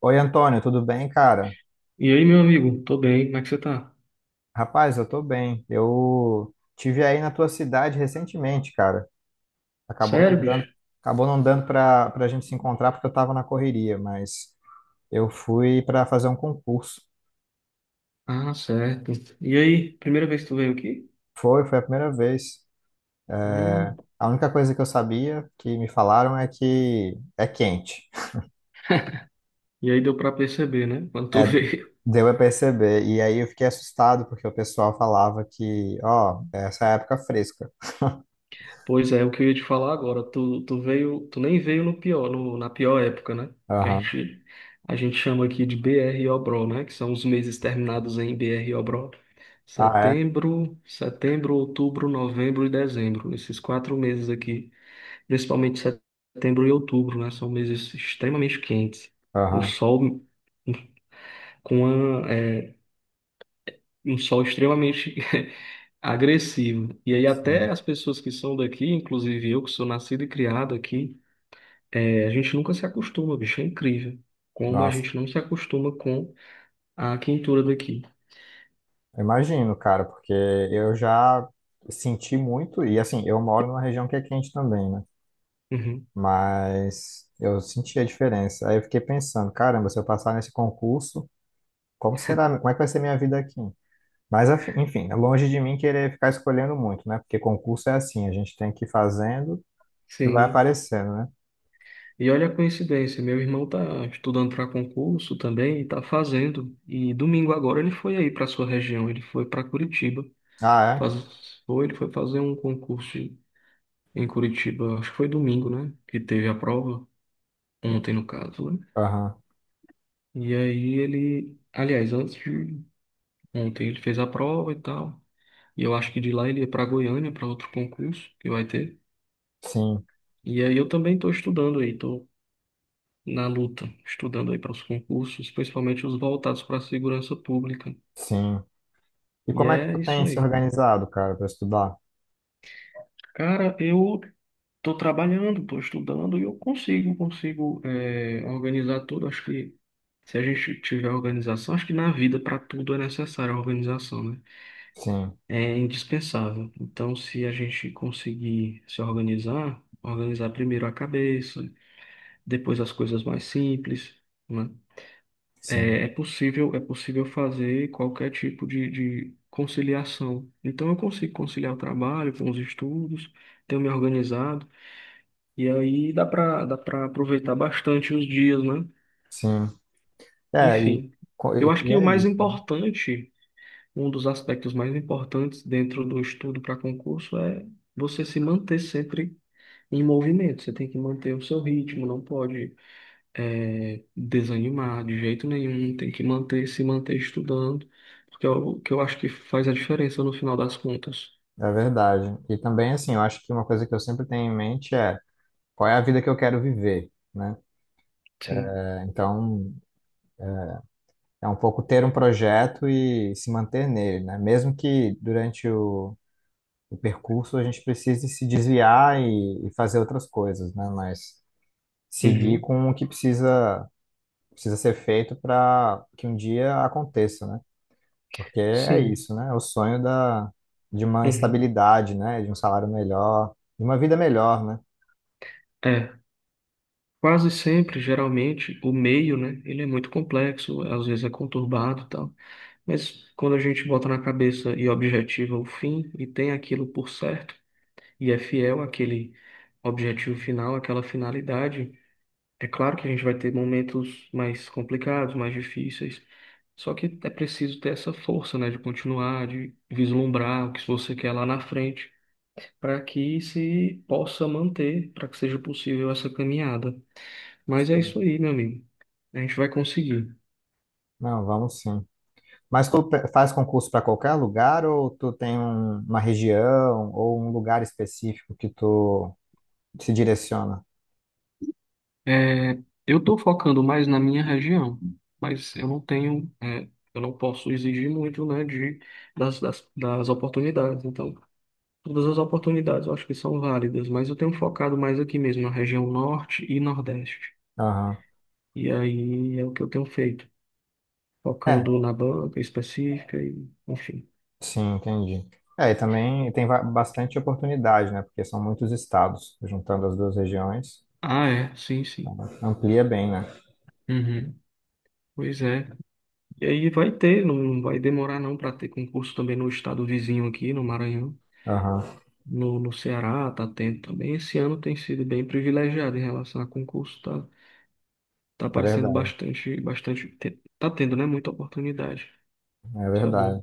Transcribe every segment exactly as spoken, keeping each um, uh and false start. Oi, Antônio, tudo bem, cara? E aí, meu amigo? Tô bem, como é que você tá? Rapaz, eu tô bem. Eu tive aí na tua cidade recentemente, cara. Acabou não Sério, bicho? dando, acabou não dando pra, pra gente se encontrar porque eu tava na correria, mas eu fui pra fazer um concurso. Ah, certo. E aí, primeira vez que tu veio aqui? Foi, foi a primeira vez. Hum, A única coisa que eu sabia que me falaram é que é quente. e aí deu pra perceber, né? Quando tu É, veio. deu a perceber. E aí eu fiquei assustado, porque o pessoal falava que, ó, essa é a época fresca. Pois é, o que eu ia te falar agora, tu, tu veio, tu nem veio no pior, no- na pior época, né? Que a Aham. gente, a gente chama aqui de B R Obró, né? Que são os meses terminados em B R Obró. Ah, é? Setembro, setembro, outubro, novembro e dezembro. Esses quatro meses aqui. Principalmente setembro e outubro, né? São meses extremamente quentes. O Aham. sol com uma, é, um sol extremamente agressivo. E aí Sim. até as pessoas que são daqui, inclusive eu que sou nascido e criado aqui, é, a gente nunca se acostuma, bicho, é incrível. Como a Nossa. gente não se acostuma com a quentura daqui. Imagino, cara, porque eu já senti muito, e assim, eu moro numa região que é quente também, né? Uhum. Mas eu senti a diferença. Aí eu fiquei pensando, caramba, se eu passar nesse concurso, como será, como é que vai ser minha vida aqui? Mas afi- enfim, é longe de mim querer ficar escolhendo muito, né? Porque concurso é assim, a gente tem que ir fazendo o que vai Sim. aparecendo, né? E olha a coincidência, meu irmão tá estudando para concurso também e tá fazendo. E domingo agora ele foi aí para sua região, ele foi para Curitiba. Ah, Faz... Foi, ele foi fazer um concurso em Curitiba, acho que foi domingo, né? Que teve a prova, ontem no caso, né? é? Aham. E aí ele, aliás, antes de ontem ele fez a prova e tal. E eu acho que de lá ele ia para Goiânia para outro concurso que vai ter. Sim, E aí eu também estou estudando aí, estou na luta, estudando aí para os concursos, principalmente os voltados para a segurança pública. sim. E E como é que é tu isso tem se aí. organizado, cara, para estudar? Cara, eu estou trabalhando, estou estudando e eu consigo, consigo é, organizar tudo. Acho que se a gente tiver organização, acho que na vida para tudo é necessária a organização, né? Sim, É indispensável. Então, se a gente conseguir se organizar, organizar primeiro a cabeça, depois as coisas mais simples, né? sim, É, é possível, é possível fazer qualquer tipo de, de conciliação. Então, eu consigo conciliar o trabalho com os estudos, tenho me organizado. E aí dá para dá para aproveitar bastante os dias, né? sim. É, e, Enfim, co- e eu acho e que o é mais isso. importante, um dos aspectos mais importantes dentro do estudo para concurso é você se manter sempre em movimento. Você tem que manter o seu ritmo, não pode eh, desanimar de jeito nenhum. Tem que manter, se manter estudando, porque é o que eu acho que faz a diferença no final das contas. É verdade. E também, assim, eu acho que uma coisa que eu sempre tenho em mente é qual é a vida que eu quero viver, né? Sim. É, então, é um pouco ter um projeto e se manter nele, né? Mesmo que durante o, o percurso a gente precise se desviar e, e fazer outras coisas, né? Mas seguir Uhum. com o que precisa, precisa ser feito para que um dia aconteça, né? Porque é Sim. isso, né? É o sonho da, de uma Uhum. estabilidade, né? De um salário melhor, de uma vida melhor, né? É. Quase sempre, geralmente, o meio, né? Ele é muito complexo, às vezes é conturbado e tal. Mas quando a gente bota na cabeça e objetiva o fim e tem aquilo por certo e é fiel àquele objetivo final, àquela finalidade, é claro que a gente vai ter momentos mais complicados, mais difíceis. Só que é preciso ter essa força, né? De continuar, de vislumbrar o que você quer lá na frente, para que se possa manter, para que seja possível essa caminhada. Mas é Então, isso aí, meu amigo. A gente vai conseguir. não, vamos sim. Mas tu pe- faz concurso para qualquer lugar ou tu tem um- uma região ou um lugar específico que tu se direciona? É, eu estou focando mais na minha região, mas eu não tenho, é, eu não posso exigir muito, né, de, das, das, das oportunidades. Então, todas as oportunidades eu acho que são válidas, mas eu tenho focado mais aqui mesmo, na região norte e nordeste. Aham. E aí é o que eu tenho feito, É, focando na banca específica e, enfim. sim, entendi. É, e também tem va- bastante oportunidade, né? Porque são muitos estados, juntando as duas regiões, Ah, é, sim, sim. amplia bem, né? Uhum. Pois é. E aí vai ter, não vai demorar não para ter concurso também no estado vizinho aqui, no Maranhão, Aham. no, no Ceará, tá tendo também. Esse ano tem sido bem privilegiado em relação a concurso, tá, tá É aparecendo verdade, bastante, bastante, te- tá tendo, né, muita oportunidade. é Isso é verdade. bom.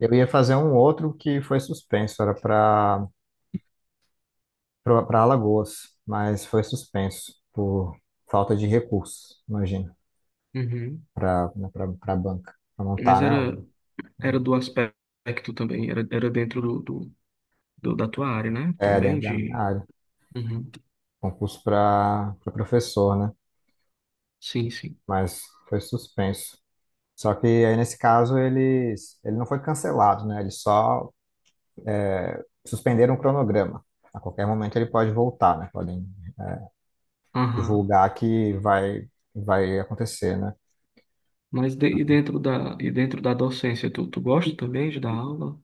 Eu ia fazer um outro que foi suspenso, era para para Alagoas, mas foi suspenso por falta de recursos, imagina. Uhum. para para banca, para montar, Mas né? o- era, era o- do aspecto também, era, era dentro do, do, do- da tua área, né? é, Também dentro da minha de. área. Uhum. Concurso para professor, né? Sim, sim. Mas foi suspenso. Só que aí, nesse caso, eles, ele não foi cancelado, né? Eles só suspenderam o cronograma. A qualquer momento ele pode voltar, né? Podem Aham. divulgar que vai, vai acontecer, né? Mas de- e dentro da, e dentro da docência, tu, tu gosta também de dar aula?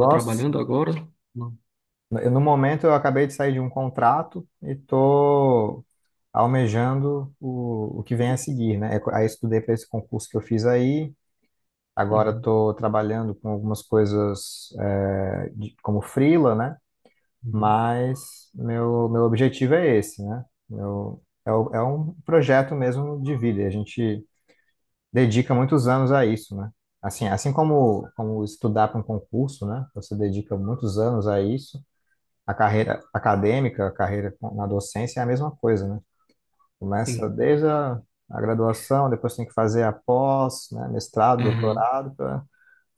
Tá Sim. trabalhando agora? Não. Eu, no momento, eu acabei de sair de um contrato e tô almejando o, o que vem a seguir, né? É, aí eu estudei para esse concurso que eu fiz aí. Agora Uhum, estou trabalhando com algumas coisas é, de- como freela, né? uhum. Mas meu, meu objetivo é esse, né? Meu, é, o- é um projeto mesmo de vida. E a gente dedica muitos anos a isso, né? Assim, assim como, como estudar para um concurso, né? Você dedica muitos anos a isso. A carreira acadêmica, a carreira com- na docência é a mesma coisa, né? Começa Sim. desde a, a graduação, depois tem que fazer a pós, né? Mestrado, Aham, doutorado,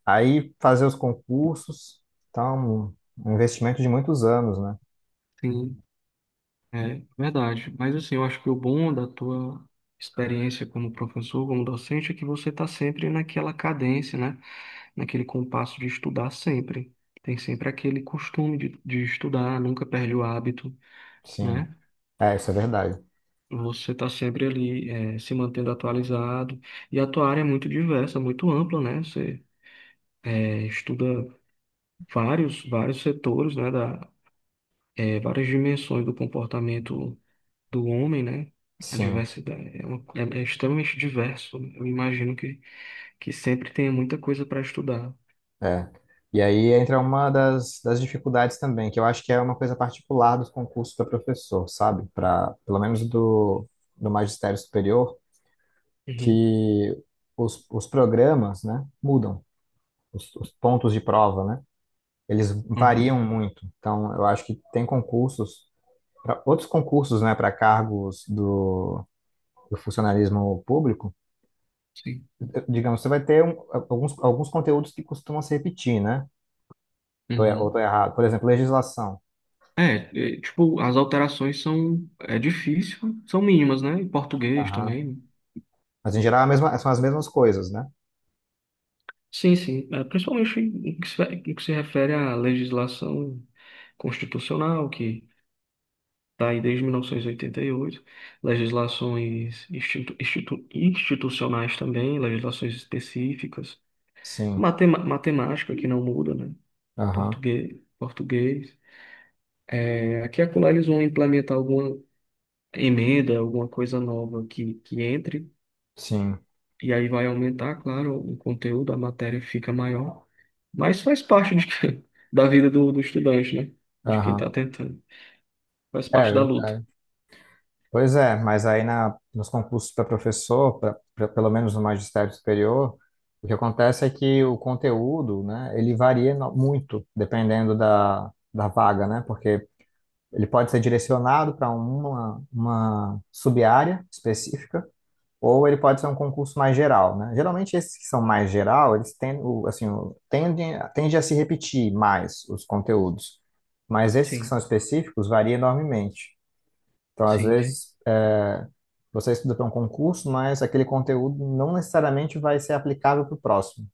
aí fazer os concursos, tá um, um investimento de muitos anos, né? sim, é verdade. Mas assim, eu acho que o bom da tua experiência como professor, como docente, é que você está sempre naquela cadência, né? Naquele compasso de estudar sempre. Tem sempre aquele costume de, de estudar, nunca perde o hábito, Sim, né? é, isso é verdade. Você está sempre ali, é, se mantendo atualizado. E a tua área é muito diversa, muito ampla, né? Você, é, estuda vários, vários setores, né, da, é, várias dimensões do comportamento do homem, né? A Sim, diversidade é, uma- é- é extremamente diverso. Eu imagino que, que sempre tenha muita coisa para estudar. é. E aí entra uma das, das dificuldades também, que eu acho que é uma coisa particular dos concursos para professor, sabe? Para, pelo menos do, do magistério superior, Uhum, que os, os programas, né, mudam, os, os pontos de prova, né? Eles uhum, variam muito. Então, eu acho que tem concursos, pra, outros concursos, né, para cargos do do funcionalismo público, sim. digamos, você vai ter um, alguns, alguns conteúdos que costumam se repetir, né? Tô, er- ou estou Uhum. errado. Por exemplo, legislação. É, é, tipo, as alterações são, é difícil, são mínimas, né? Em português Aham. também. Mas em geral é a mesma- são as mesmas coisas, né? Sim, sim. É, principalmente no que se, no que se refere à legislação constitucional, que tá aí desde mil novecentos e oitenta e oito legislações institu- institu- institucionais também, legislações específicas. Sim. Matema- matemática que não muda, né? Aham. Português, português. É, aqui e acolá eles vão implementar alguma emenda, alguma coisa nova que, que entre, Sim. e aí vai aumentar, claro, o conteúdo, a matéria fica maior, mas faz parte de que- da vida do, do estudante, né? De quem está Aham. tentando. Faz É parte da luta. verdade. Pois é, mas aí na, nos concursos para professor, pra, pra- pelo menos no magistério superior, o que acontece é que o conteúdo, né, ele varia no- muito dependendo da, da vaga, né? Porque ele pode ser direcionado para uma, uma sub-área específica, ou ele pode ser um concurso mais geral, né? Geralmente esses que são mais geral, eles tendem, assim, o- tendem, a se repetir mais os conteúdos, mas esses que Sim, são específicos variam enormemente. Então, às sim, sim. vezes, é, você estuda para um concurso, mas aquele conteúdo não necessariamente vai ser aplicável para o próximo.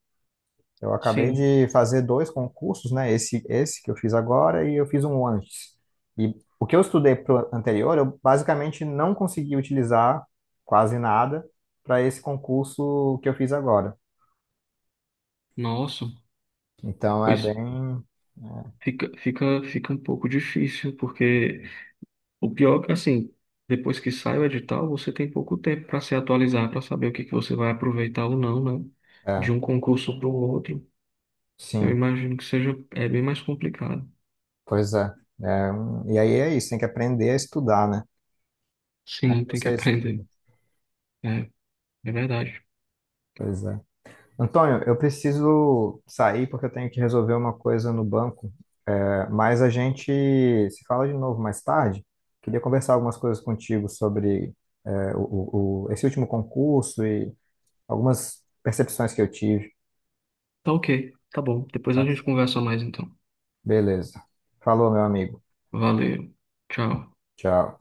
Eu acabei Sim. de fazer dois concursos, né? Esse, esse que eu fiz agora e eu fiz um antes. E o que eu estudei pro anterior, eu basicamente não consegui utilizar quase nada para esse concurso que eu fiz agora. Nossa. Então é Pois bem, fica, fica, fica um pouco difícil, porque o pior é que, assim, depois que sai o edital, você tem pouco tempo para se atualizar, para saber o que que você vai aproveitar ou não, né? De é, um concurso para o outro. Eu sim, imagino que seja, é bem mais complicado. pois é. É um- e aí é isso, tem que aprender a estudar, né? Como Sim, tem que você aprender. estuda, É, é verdade. pois é. Antônio, eu preciso sair porque eu tenho que resolver uma coisa no banco. Mas a gente se fala de novo mais tarde. Queria conversar algumas coisas contigo sobre eh, o, o- o- esse último concurso e algumas percepções que eu tive, Tá ok, tá bom. Depois a tá? gente conversa mais então. Beleza. Falou, meu amigo. Valeu. Tchau. Tchau.